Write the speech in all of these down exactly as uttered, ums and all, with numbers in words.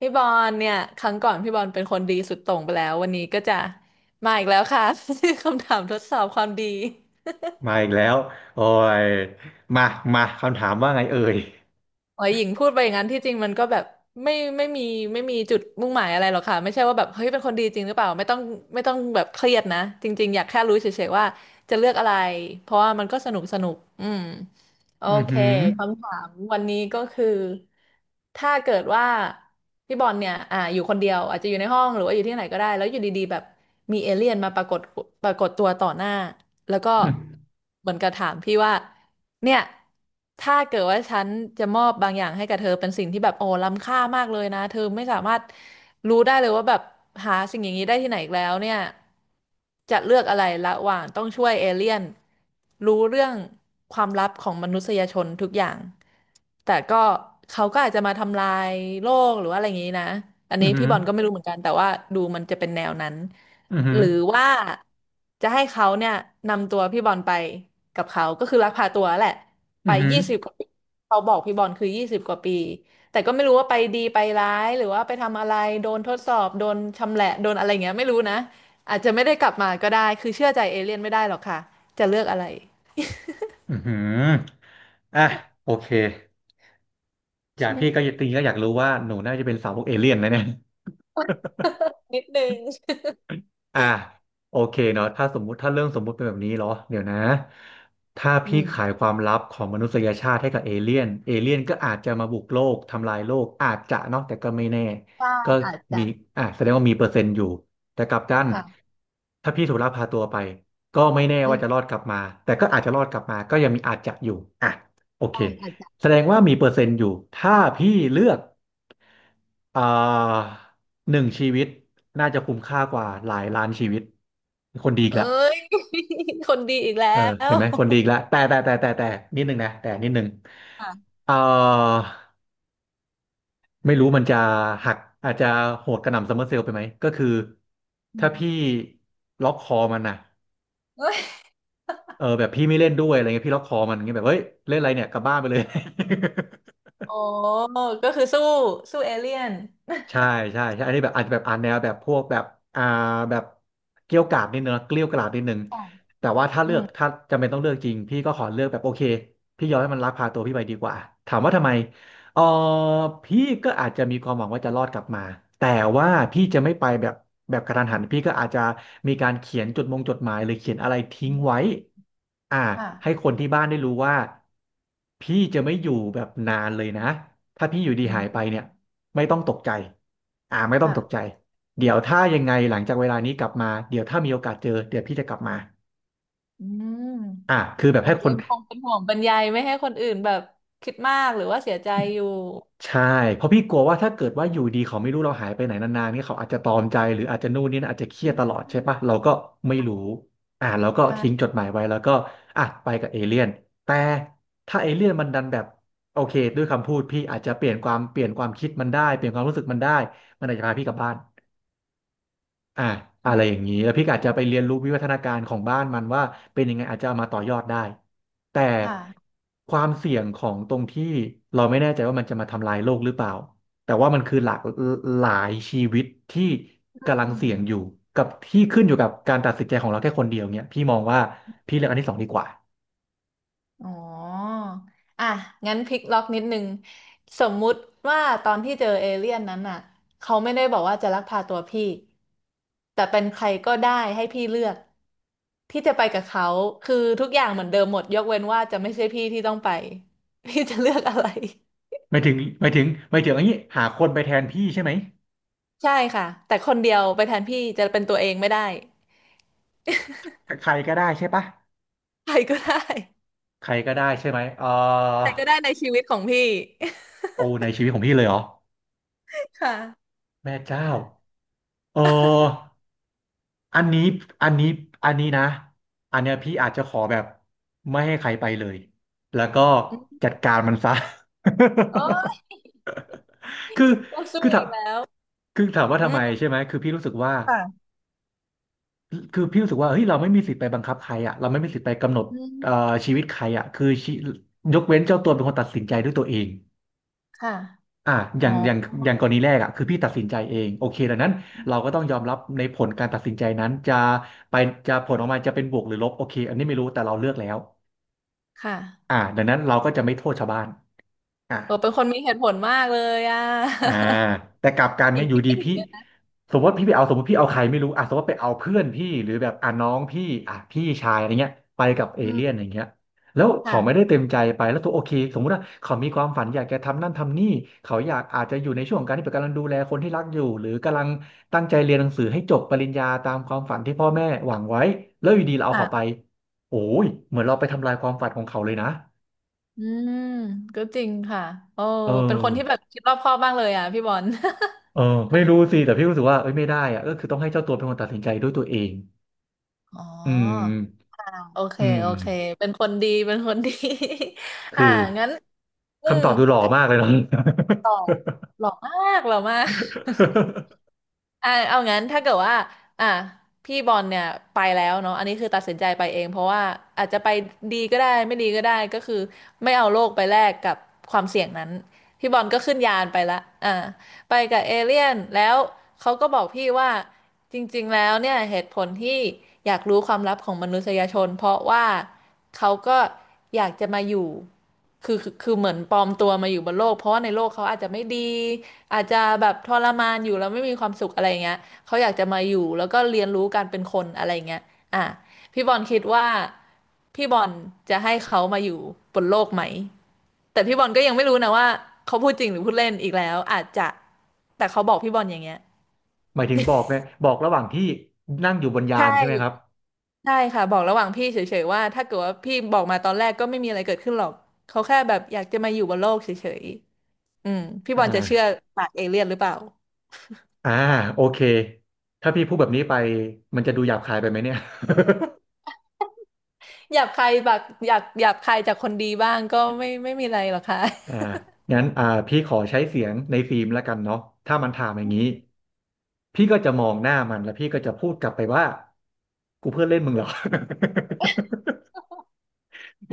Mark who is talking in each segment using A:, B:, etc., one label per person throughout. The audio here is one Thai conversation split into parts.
A: พี่บอลเนี่ยครั้งก่อนพี่บอลเป็นคนดีสุดโต่งไปแล้ววันนี้ก็จะมาอีกแล้วค่ะ คำถามทดสอบความดี
B: มาอีกแล้วโอ้ยมา มา คำถามว่าไงเอ่ย
A: โอ้ยหญิงพูดไปอย่างนั้นที่จริงมันก็แบบไม่ไม่มีไม่มีจุดมุ่งหมายอะไรหรอกค่ะไม่ใช่ว่าแบบเฮ้ยเป็นคนดีจริงหรือเปล่าไม่ต้องไม่ต้องแบบเครียดนะจริงๆอยากแค่รู้เฉยๆว่าจะเลือกอะไรเพราะว่ามันก็สนุกสนุกอืม โอ
B: อือ
A: เค
B: หือ
A: คำถามวันนี้ก็คือ ถ้าเกิดว่าพี่บอลเนี่ยอ่าอยู่คนเดียว อาจจะอยู่ในห้องหรือว่าอยู่ที่ไหนก็ได้ แล้วอยู่ดีๆแบบมีเอเลี่ยนมาปรากฏปรากฏตัวต่อหน้าแล้วก็เหมือนกับถามพี่ว่าเนี่ยถ้าเกิดว่าฉันจะมอบบางอย่างให้กับเธอเป็นสิ่งที่แบบโอ้ล้ำค่ามากเลยนะ เธอไม่สามารถรู้ได้เลยว่าแบบหาสิ่งอย่างนี้ได้ที่ไหนอีกแล้วเนี่ย จะเลือกอะไรระหว่างต้องช่วยเอเลี่ยนรู้เรื่องความลับของมนุษยชนทุกอย่างแต่ก็เขาก็อาจจะมาทำลายโลกหรือว่าอะไรอย่างนี้นะอัน
B: อื
A: นี้
B: อหื
A: พี่
B: อ
A: บอลก็ไม่รู้เหมือนกันแต่ว่าดูมันจะเป็นแนวนั้น
B: อือหื
A: ห
B: อ
A: รือว่าจะให้เขาเนี่ยนำตัวพี่บอลไปกับเขาก็คือลักพาตัวแหละไป
B: อือหือ
A: ยี่สิบกว่าปีเขาบอกพี่บอลคือยี่สิบกว่าปีแต่ก็ไม่รู้ว่าไปดีไปร้ายหรือว่าไปทำอะไรโดนทดสอบโดนชำแหละโดนอะไรอย่างเงี้ยไม่รู้นะ อาจจะไม่ได้กลับมาก็ได้คือเชื่อใจเอเลี่ยนไม่ได้หรอกค่ะจะเลือกอะไร
B: อือหืออ่ะโอเคอยากพี่ก็อยากตีก็อยากรู้ว่าหนูน่าจะเป็นสาวกเอเลี่ยนนะเนี่ย อ่ะโอเคเนาะถ้าสมมุติถ้าเรื่องสมมุติเป็นแบบนี้เหรอเดี๋ยวนะถ้า
A: อื
B: พี่
A: ม
B: ขายความลับของมนุษยชาติให้กับเอเลี่ยนเอเลี่ยนก็อาจจะมาบุกโลกทำลายโลกอาจจะเนาะแต่ก็ไม่แน่
A: ใช่
B: ก็
A: อาจจะ
B: มีอ่ะแสดงว่ามีเปอร์เซ็นต์อยู่แต่กลับกัน
A: ค่ะ
B: ถ้าพี่ถูกลักพาตัวไปก็ไม่แน่
A: อื
B: ว่าจะร
A: ม
B: อดกลับมาแต่ก็อาจจะรอดกลับมาก็ยังมีอาจจะอยู่อ่ะโอเค
A: ใช่อาจจะ
B: แสดงว่ามีเปอร์เซ็นต์อยู่ถ้าพี่เลือก อ่าหนึ่งชีวิตน่าจะคุ้มค่ากว่าหลายล้านชีวิตคนดีอีก
A: เอ้
B: ละ
A: ย คนดีอีกแล้
B: เออเห็
A: ว
B: นไหมคนดีอีกและแต่แต่แต่แต่แต่นิดนึงนะแต่นิดนึง
A: ค่ะ
B: เอ่อไม่รู้มันจะหักอาจจะโหดกระหน่ำซัมเมอร์เซลล์ไปไหมก็คือ
A: อื
B: ถ้าพี่
A: ม
B: ล็อกคอมันนะ
A: เอ้ย
B: เออแบบพี่ไม่เล่นด้วยอะไรเงี้ยพี่ล็อกคอมันอย่างเงี้ยแบบเฮ้ยเล่นอะไรเนี่ยกลับบ้านไปเลย
A: โอ้ก็คือสู้สู้เอเลี่ยน
B: ใช่ใช่ใช่อันนี้แบบอาจจะแบบอ่านแนวแบบพวกแบบอ่าแบบเกรี้ยวกราดนิดนึงนะเกรี้ยวกราดนิดนึง
A: ค่ะ
B: แต่ว่าถ้า
A: อื
B: เลือก
A: ม
B: ถ้าจำเป็นต้องเลือกจริงพี่ก็ขอเลือกแบบโอเคพี่ยอมให้มันลักพาตัวพี่ไปดีกว่าถามว่าทำไมเออพี่ก็อาจจะมีความหวังว่าจะรอดกลับมาแต่ว่าพี่จะไม่ไปแบบแบบกระทันหันพี่ก็อาจจะมีการเขียนจดมงจดหมายหรือเขียนอะไรทิ้งไว้อ่าให้ค
A: ค่ะ
B: นที่บ้านได้รู้ว่าพี่จะไม่อยู่แบบนานเลยนะถ้าพี่อยู่ดีหายไปเนี่ย ไม่ต้องตกใจอ่าไม่ต้องตก
A: ค่ะ
B: ใจ เดี๋ยวถ้ายังไงหลังจากเวลานี้กลับมา เดี๋ยวถ้ามีโอกาสเจอเดี๋ยวพี่จะกลับมา
A: อืม
B: อ่าคือแบ
A: ผ
B: บให้
A: ม
B: ค
A: ยั
B: น
A: งคงเป็นห่วงบรรยายไม่ให้คนอื่นแบบคิดมากหรือว่าเสียใจอยู่
B: ใช่เพราะพี่กลัวว่าถ้าเกิดว่าอยู่ดีเขาไม่รู้เราหายไปไหนนานๆเนี่ยเขาอาจจะตรอมใจหรืออาจจะนู่นนี่นะอาจจะเครี
A: อื
B: ยดตล
A: ม
B: อดใช่ปะเราก็ไม่รู้อ่าเราก็ทิ้งจ
A: ค่ะ
B: ดหมายไว้แล้วก็อ่ะไปกับเอเลี่ยนแต่ถ้าเอเลี่ยนมันดันแบบโอเคด้วยคำพูดพี่อาจจะเปลี่ยนความเปลี่ยนความคิดมันได้เปลี่ยนความรู้สึกมันได้มันอาจจะพาพี่กลับบ้าน อ่าอะ
A: อื
B: ไรอ
A: ม
B: ย่างนี้แล้วพี่ก็อาจจะไปเรียนรู้วิวัฒนาการของบ้านมันว่าเป็นยังไงอาจจะเอามาต่อยอดได้แต่
A: ค่ะ
B: ความเสี่ยงของตรงที่เราไม่แน่ใจว่ามันจะมาทำลายโลกหรือเปล่าแต่ว่ามันคือหลากหลายชีวิตที่กำลั
A: อื
B: งเสี่ยงอยู่
A: ม
B: กับที่ขึ้นอยู่กับการตัดสินใจของเราแค่คนเดียวเนี่ยพี่มองว่าพี่เลือกอันที่สองดีกว่า
A: อ๋ออ่ะงั้นพลิกล็อกนิดนึงสมมุติว่าตอนที่เจอเอเลี่ยนนั้นอ่ะเขาไม่ได้บอกว่าจะลักพาตัวพี่ แต่เป็นใครก็ได้ให้พี่เลือกพี่จะไปกับเขา คือทุกอย่างเหมือนเดิมหมดยกเว้นว่าจะไม่ใช่พี่ที่ต้องไป พี่จะเลือกอะไร
B: ไม่ถึงไม่ถึงไม่ถึงอันนี้หาคนไปแทนพี่ใช่ไหม
A: ใช่ค่ะ แต่คนเดียวไปแทนพี่จะเป็นตัวเองไม่ได้
B: ใครก็ได้ใช่ปะ
A: ใครก็ได้
B: ใครก็ได้ใช่ไหมเออ
A: ใครก็ได้ในชีวิตของพี่
B: โอ้ในชีวิตของพี่เลยเหรอ
A: ค่ะ
B: แม่เจ้า เอออันนี้อันนี้อันนี้นะ อันเนี้ยพี่อาจจะขอแบบไม่ให้ใครไปเลย แล้วก็
A: อืม
B: จัดการมันซะ
A: โอ้ย
B: คือ
A: ต้องสู้
B: คือถา
A: อี
B: ม
A: กแล้ว
B: คือถามว่า
A: อื
B: ทำไม
A: ม
B: ใช่ไหม คือพี่รู้สึกว่า
A: ค่ะ
B: คือพี่รู้สึกว่าเฮ้ยเราไม่มีสิทธิ์ไปบังคับใครอ่ะเราไม่มีสิทธิ์ไปกำหนด
A: อืม
B: เอ่อชีวิตใครอ่ะคือชียกเว้นเจ้าตัวเป็นคนตัดสินใจด้วยตัวเอง
A: ค่ะ
B: อ่ะอ
A: อ๋อ
B: ย่างอย่างอย่างกรณีแรกอ่ะคือพี่ตัดสินใจเองโอเคดังนั้นเราก็ต้องยอมรับในผลการตัดสินใจนั้นจะไปจะผลออกมาจะเป็นบวกหรือลบโอเคอันนี้ไม่รู้แต่เราเลือกแล้ว
A: ค่ะ
B: อ่ะดังนั้นเราก็จะไม่โทษชาวบ้านอ่ะ
A: เออเป็นคนมีเหตุผลมากเลยอ่ะ
B: อ่าแต่กลับกัน
A: ถิ
B: เนี่
A: ง
B: ยอยู่
A: คิด
B: ดี
A: ไม่ถึ
B: พี่
A: งเลยนะ
B: สมมติพี่ไปเอาสมมติพี่เอาใครไม่รู้อ่ะสมมติไปเอาเพื่อนพี่หรือแบบอ่ะน้องพี่อ่ะพี่ชายอะไรเงี้ยไปกับเอ
A: อื
B: เลี่ยน
A: ม
B: อย่างเงี้ยแล้วเขาไม่ได้
A: ค่ะ
B: เต็มใจไปแล้วตัวโอเคสมมติว่าเขามีความฝันอยากจะทำนั่นทำนี่เขาอยากอาจจะอยู่ในช่วงของการที่แบบกำลังดูแลคนที่รักอยู่หรือกำลังตั้งใจเรียนหนังสือให้จบปริญญาตามความฝันที่พ่อแม่หวังไว้แล้วอยู่ดีเราเอา
A: ค่ะ
B: เขาไปโอ้ยเหมือนเราไปทำลายความฝันของเขาเลยนะ
A: อืมก็จริงค่ะโอ้
B: เอ
A: เป็นค
B: อ
A: นที่แบบคิดรอบคอบมากเลยอ่ะพี่บอล
B: เออไม่รู้สิแต่พี่รู้สึกว่าเอ้ยไม่ได้อะก็คือต้องให้เจ้าตัวเป็นคนตัดสินใจด้วยตัวเอง
A: อ๋อ
B: อืม
A: อ่าโอเค
B: อืม
A: โอเค เป็นคนดี เป็นคนดี
B: คื
A: อ่า
B: อ
A: งั้น อื
B: คำ
A: ม
B: ตอบดูหล่อมากเลยเนาะ
A: หล่อมากหล่อมาก อ่าเอางั้นถ้าเกิดว่าอ่าพี่บอลเนี่ยไปแล้วเนาะอันนี้คือตัดสินใจไปเองเพราะว่าอาจจะไปดีก็ได้ไม่ดีก็ได้ก็คือไม่เอาโลกไปแลกกับความเสี่ยงนั้นพี่บอลก็ขึ้นยานไปละอ่าไปกับเอเลี่ยนแล้วเขาก็บอกพี่ว่า จริงๆ แล้วเนี่ยเหตุผลที่อยากรู้ความลับของมนุษยชนเพราะว่าเขาก็อยากจะมาอยู่คือคือคือเหมือนปลอมตัวมาอยู่บนโลกเพราะว่าในโลกเขาอาจจะไม่ดีอาจจะแบบทรมานอยู่แล้วไม่มีความสุขอะไรเงี้ยเขาอยากจะมาอยู่แล้วก็เรียนรู้การเป็นคนอะไรเงี้ยอ่ะพี่บอลคิดว่าพี่บอลจะให้เขามาอยู่บนโลกไหมแต่พี่บอลก็ยังไม่รู้นะว่าเขาพูดจริงหรือพูดเล่นอีกแล้วอาจจะแต่เขาบอกพี่บอลอย่างเงี้ย
B: หมายถึงบอกไหมบอกระหว่างที่นั่งอยู่บนยา
A: ใช่
B: นใช่ไหมครับ
A: ใช่ค่ะบอกระหว่างพี่เฉยๆว่าถ้าเกิดว่าพี่บอกมาตอนแรกก็ไม่มีอะไรเกิดขึ้นหรอกเขาแค่แบบอยากจะมาอยู่บนโลกเฉยๆอืมพี่บอลจะเชื่อ
B: อ่า
A: ปากเอเลี่ยนหรือเปล่า
B: อ่าโอเคถ้าพี่พูดแบบนี้ไปมันจะดูหยาบคายไปไหมเนี่ย
A: หยาบคายแบบอยากหยาบคายจากคนดีบ้างก็ไม่ไม่มีอะไรหรอกค่ะ
B: อ่างั้นอ่าพี่ขอใช้เสียงในฟิล์มแล้วกันเนาะถ้ามันถามอย่างนี้พี่ก็จะมองหน้ามันแล้วพี่ก็จะพูดกลับไปว่ากูเพื่อนเล่นมึงเหรอ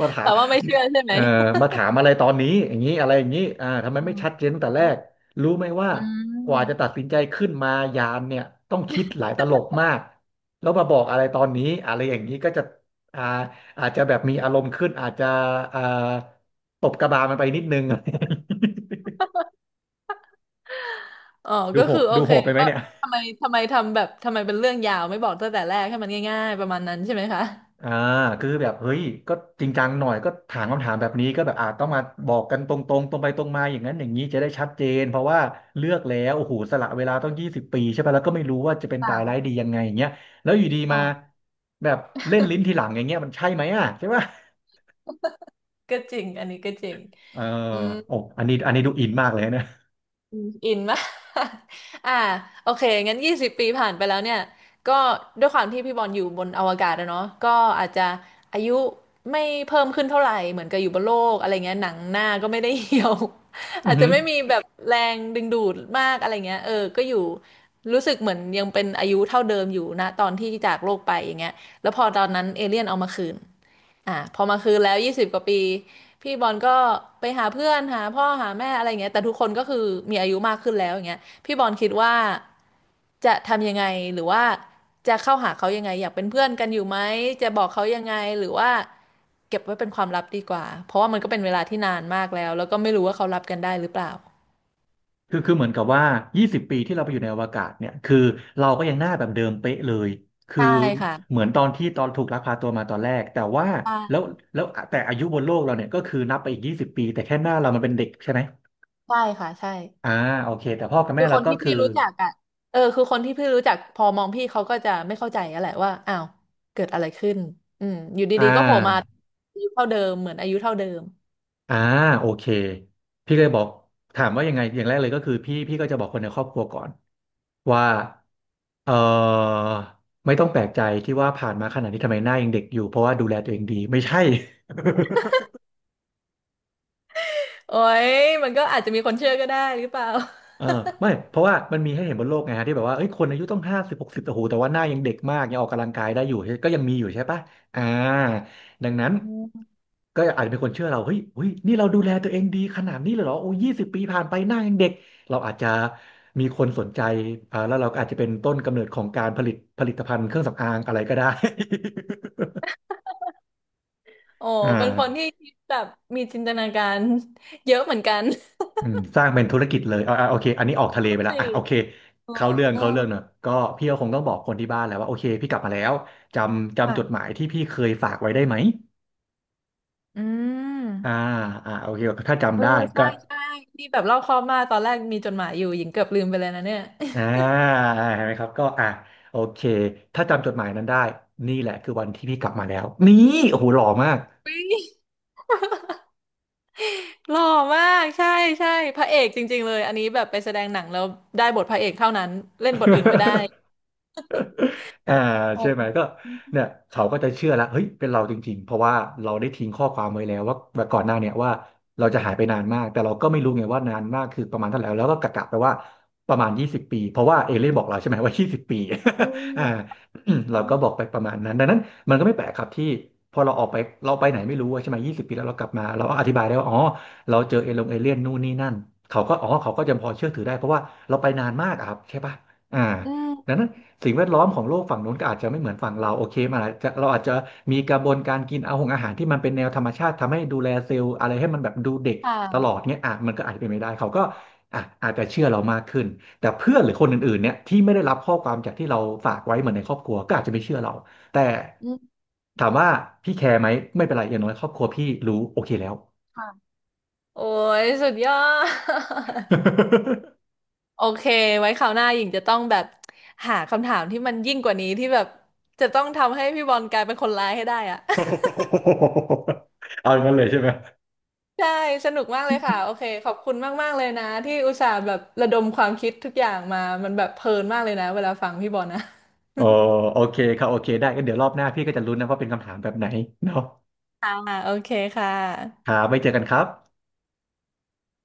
B: มา ถา
A: แต่
B: ม
A: ว่าไม่เชื่อใช่ไหม
B: เอ่อมาถามอะไรตอนนี้อย่างนี้อะไรอย่างนี้อ่าทำไม
A: อื
B: ไม่ชัดเจน
A: ม
B: ตั้งแต่แรกรู้ไหมว่า
A: อื
B: กว่าจะตั
A: ม
B: ดสินใจขึ้นมายามเนี่ยต้องคิดหลายตลบมากแล้วมาบอกอะไรตอนนี้อะไรอย่างนี้ก็จะอ่าอาจจะแบบมีอารมณ์ขึ้นอาจจะอ่าตบกระบาลมันไปนิดนึง
A: อ๋อ
B: ดู
A: ก็
B: โห
A: คือ
B: ด
A: โอ
B: ดู
A: เค
B: โหดไปไหม
A: ว่า
B: เนี่ย
A: ทำไมทำไมทำแบบทำไมเป็นเรื่องยาวไม่บอกตั้งแต่แรกให้มันง่ายๆประมาณนั้นใช่ไหมคะ
B: อ่าคือแบบเฮ้ยก็จริงจังหน่อยก็ถามคำถามแบบนี้ก็แบบอาจต้องมาบอกกันตรงๆตรงไปตรงมาอย่างนั้นอย่างนี้จะได้ชัดเจนเพราะว่าเลือกแล้วโอ้โหสละเวลาต้องยี่สิบปีใช่ปะแล้วก็ไม่รู้ว่าจะเป็นตายร้าย
A: ค่ะ
B: ดียังไงอย่างเงี้ยแล้วอยู่ดีมา
A: ค่ะ
B: แบบเล่นลิ้นทีหลังอย่างเงี้ยมันใช่ไหมอ่ะใช่ปะ
A: ก็จริงอันนี้ก็จริง
B: เออ
A: อืม
B: โอ้อันนี้อันนี้ดูอินมากเลยนะ
A: อืมอินมาก อ่า โอเคงั้นยี่สิบปี ผ่านไปแล้วเนี่ย ก็ด้วยความที่พี่บอลอยู่บนอวกาศอะเนาะก็อาจจะ อายุไม่เพิ่มขึ้นเท่าไหร่เหมือนกับอยู่บนโลก อะไรเงี้ยหนังหน้าก็ไม่ได้เหี่ยว
B: อื
A: อา
B: อ
A: จจะ
B: หือ
A: ไม่มีแบบแรงดึงดูดมาก อะไรเงี้ย เออ ก็อยู่ รู้สึกเหมือนยังเป็นอายุเท่าเดิมอยู่นะ ตอนที่จากโลกไป อย่างเงี้ย แล้วพอตอนนั้น เอเลี่ยนเอามาคืนอ่าพอมาคืนแล้วยี่สิบกว่าปี พี่บอลก็ไปหาเพื่อนหาพ่อหาแม่อะไรอย่างเงี้ยแต่ทุกคนก็คือมีอายุมากขึ้นแล้วอย่างเงี้ยพี่บอลคิดว่าจะทำยังไงหรือว่าจะเข้าหาเขายังไงอยากเป็นเพื่อนกันอยู่ไหมจะบอกเขายังไงหรือว่าเก็บไว้เป็นความลับดีกว่าเพราะว่ามันก็เป็นเวลาที่นานมากแล้วแล้วก็ไม่รู้ว่าเขารับกันได้หรือเปล่า
B: คือคือเหมือนกับว่ายี่สิบปีที่เราไปอยู่ในอวกาศเนี่ย คือเราก็ยังหน้าแบบเดิมเป๊ะเลย คือ
A: ใช่ค่ะ
B: เหมือนตอนที่ตอนถูกลักพาตัวมาตอนแรก แต่ว่าแล้ว
A: ใช่
B: แล้วแต่อายุบนโลกเราเนี่ยก็คือนับไปอีกยี่สิบปีแต่แค่หน้าเรามันเป็นเด็กใช่ไหม
A: ใช่ค่ะใช่
B: อ่าโอเคแต่พ่อกับ
A: คื
B: แม่
A: อ
B: เรา
A: คน
B: ก็
A: ที่
B: คื
A: พี่
B: อ
A: รู้จักอ่ะเออคือคนที่พี่รู้จักพอมองพี่เขาก็จะไม่เข้าใจอะแหละว่าอ้าวเกิดอะไรขึ้นอืมอยู่ดี
B: อ่า
A: ๆก็โผล่มาอายุเท่าเดิมเหมือนอายุเท่าเดิม
B: อ่าโอเคพี่เลยบอกถามว่ายังไงอย่างแรกเลยก็คือพี่พี่ก็จะบอกคนในครอบครัวก่อนว่าเออไม่ต้องแปลกใจที่ว่าผ่านมาขนาดนี้ทำไมหน้ายังเด็กอยู่เพราะว่าดูแลตัวเองดีไม่ใช่
A: โอ้ยมันก็อาจจะมีคนเชื่อก็ได้หรือเปล่า
B: เออไม่ เพราะว่ามันมีให้เห็นบนโลกไงฮะที่แบบว่าเอ้ยคนอายุต้องห้าสิบหกสิบโอ้โหแต่ว่าหน้ายังเด็กมากยังออกกำลังกายได้อยู่ก็ยังมีอยู่ใช่ปะอ่าดังนั้นก็อาจจะเป็นคนเชื่อเราเฮ้ยเฮ้ยนี่เราดูแลตัวเองดีขนาดนี้เลยเหรอโอ้ยี่สิบปีผ่านไปหน้ายังเด็กเราอาจจะมีคนสนใจอ่าแล้วเราก็อาจจะเป็นต้นกำเนิดของการผลิตผลิตภัณฑ์เครื่องสำอางอะไรก็ได้
A: โอ้
B: อ่า
A: เป็นคนที่คิดแบบมีจินตนาการเยอะเหมือนกัน
B: อืมสร้างเป็นธุรกิจเลยอ่าอ่าโอเคอันนี้ออกทะ เล
A: นั่
B: ไป
A: น
B: แล้ว
A: สิ
B: อ่ะโอเค
A: อ๋อ
B: เข้าเรื่องเข้าเรื่องเนอะก็พี่ก็คงต้องบอกคนที่บ้านแหล้วว่าโอเคพี่กลับมาแล้วจำจำจด
A: ค่ะ
B: หมายที่พี่เคยฝากไว้ได้ไหม
A: อื
B: อ่า
A: ม
B: อ่าโอเคถ้า
A: เอ
B: จำ
A: อ
B: ได้ก็
A: ใช่ใช่ที่แบบเล่าข้อบมากตอนแรกมีจดหมายอยู่หญิงเกือบลืมไปเลยนะเนี่ย
B: อ่าเห็นไหมครับก็อ่าโอเคถ้าจำจดหมายนั้นได้ นี่แหละคือวันที่พี่กลับมาแล้วนี่โอ้โหหล่อมาก
A: หล่อมากใช่ใช่พระเอกจริงๆเลยอันนี้แบบไปแสดงหนังแล้วได้บทพระเอกเท่านั้นเล่นบทอื่นไม่ได้
B: อ่า
A: โอ
B: ใช่ไหม
A: ้
B: ก็เนี่ยเขาก็จะเชื่อแล้วเฮ้ยเป็นเราจริงๆเพราะว่าเราได้ทิ้งข้อความไว้แล้วว่าว่าก่อนหน้าเนี่ยว่าเราจะหายไปนานมากแต่เราก็ไม่รู้ไงว่านานมากคือประมาณเท่าไหร่แล้วก็กะกะไปว่าประมาณยี่สิบปีเพราะว่าเอเลี่ยนบอกเราใช่ไหมว่ายี่สิบปี
A: อืม
B: อ่า
A: ใช่
B: เราก็บอกไปประมาณนั้นดังนั้นมันก็ไม่แปลกครับที่พอเราออกไปเราไปไหนไม่รู้อะใช่ไหมยี่สิบปีแล้วเรากลับมาเราก็อธิบายได้ว่าอ๋อเราเจอเอลงเอเลี่ยนนู่นนี่นั่นเขาก็อ๋อเขาก็จะพอเชื่อถือได้เพราะว่าเราไปนานมากอะครับใช่ปะอ่า
A: อื
B: ดัง
A: ม
B: นั้น สิ่งแวดล้อมของโลกฝั่งนู้นก็อาจจะไม่เหมือนฝั่งเราโอเคมันอาจจะเราอาจจะมีกระบวนการกินเอาของอาหารที่มันเป็นแนวธรรมชาติทำให้ดูแลเซลล์อะไรให้มันแบบดูเด็กตล
A: ค่ะ
B: อดเนี้ยอ่ะมันก็อาจจะเป็นไม่ได้เขาก็อ่ะอาจจะเชื่อเรามากขึ้นแต่เพื่อนหรือคนอื่นๆเนี่ยที่ไม่ได้รับข้อความจากที่เราฝากไว้เหมือนในครอบครัวก็อาจจะไม่เชื่อเราแต่
A: อืม
B: ถามว่าพี่แคร์ไหมไม่เป็นไรอย่างน้อยครอบครัวพี่รู้โอเคแล้ว
A: ค่ะโอ้ยสุดยอด โอเคไว้คราวหน้าหญิงจะต้องแบบหาคำถามที่มันยิ่งกว่านี้ที่แบบจะต้องทำให้พี่บอลกลายเป็นคนร้ายให้ได้อะ
B: เอาอย่างนั้นเลยใช่ไหม
A: ใช่สนุกมากเลยค่ะโอเคขอบคุณมากๆเลยนะที่อุตส่าห์แบบระดมความคิดทุกอย่างมามันแบบเพลินมากเลยนะเวลาฟังพี่บอลนะ
B: โอ้โอเคครับโอเคได้ก็เดี๋ยวรอบหน้าพี่ก็จะลุ้นนะว่าเป็นคำถามแบบไหนเนาะ
A: ค่ะโอเคค่
B: ค
A: ะ
B: รับไว้เจอกันครับ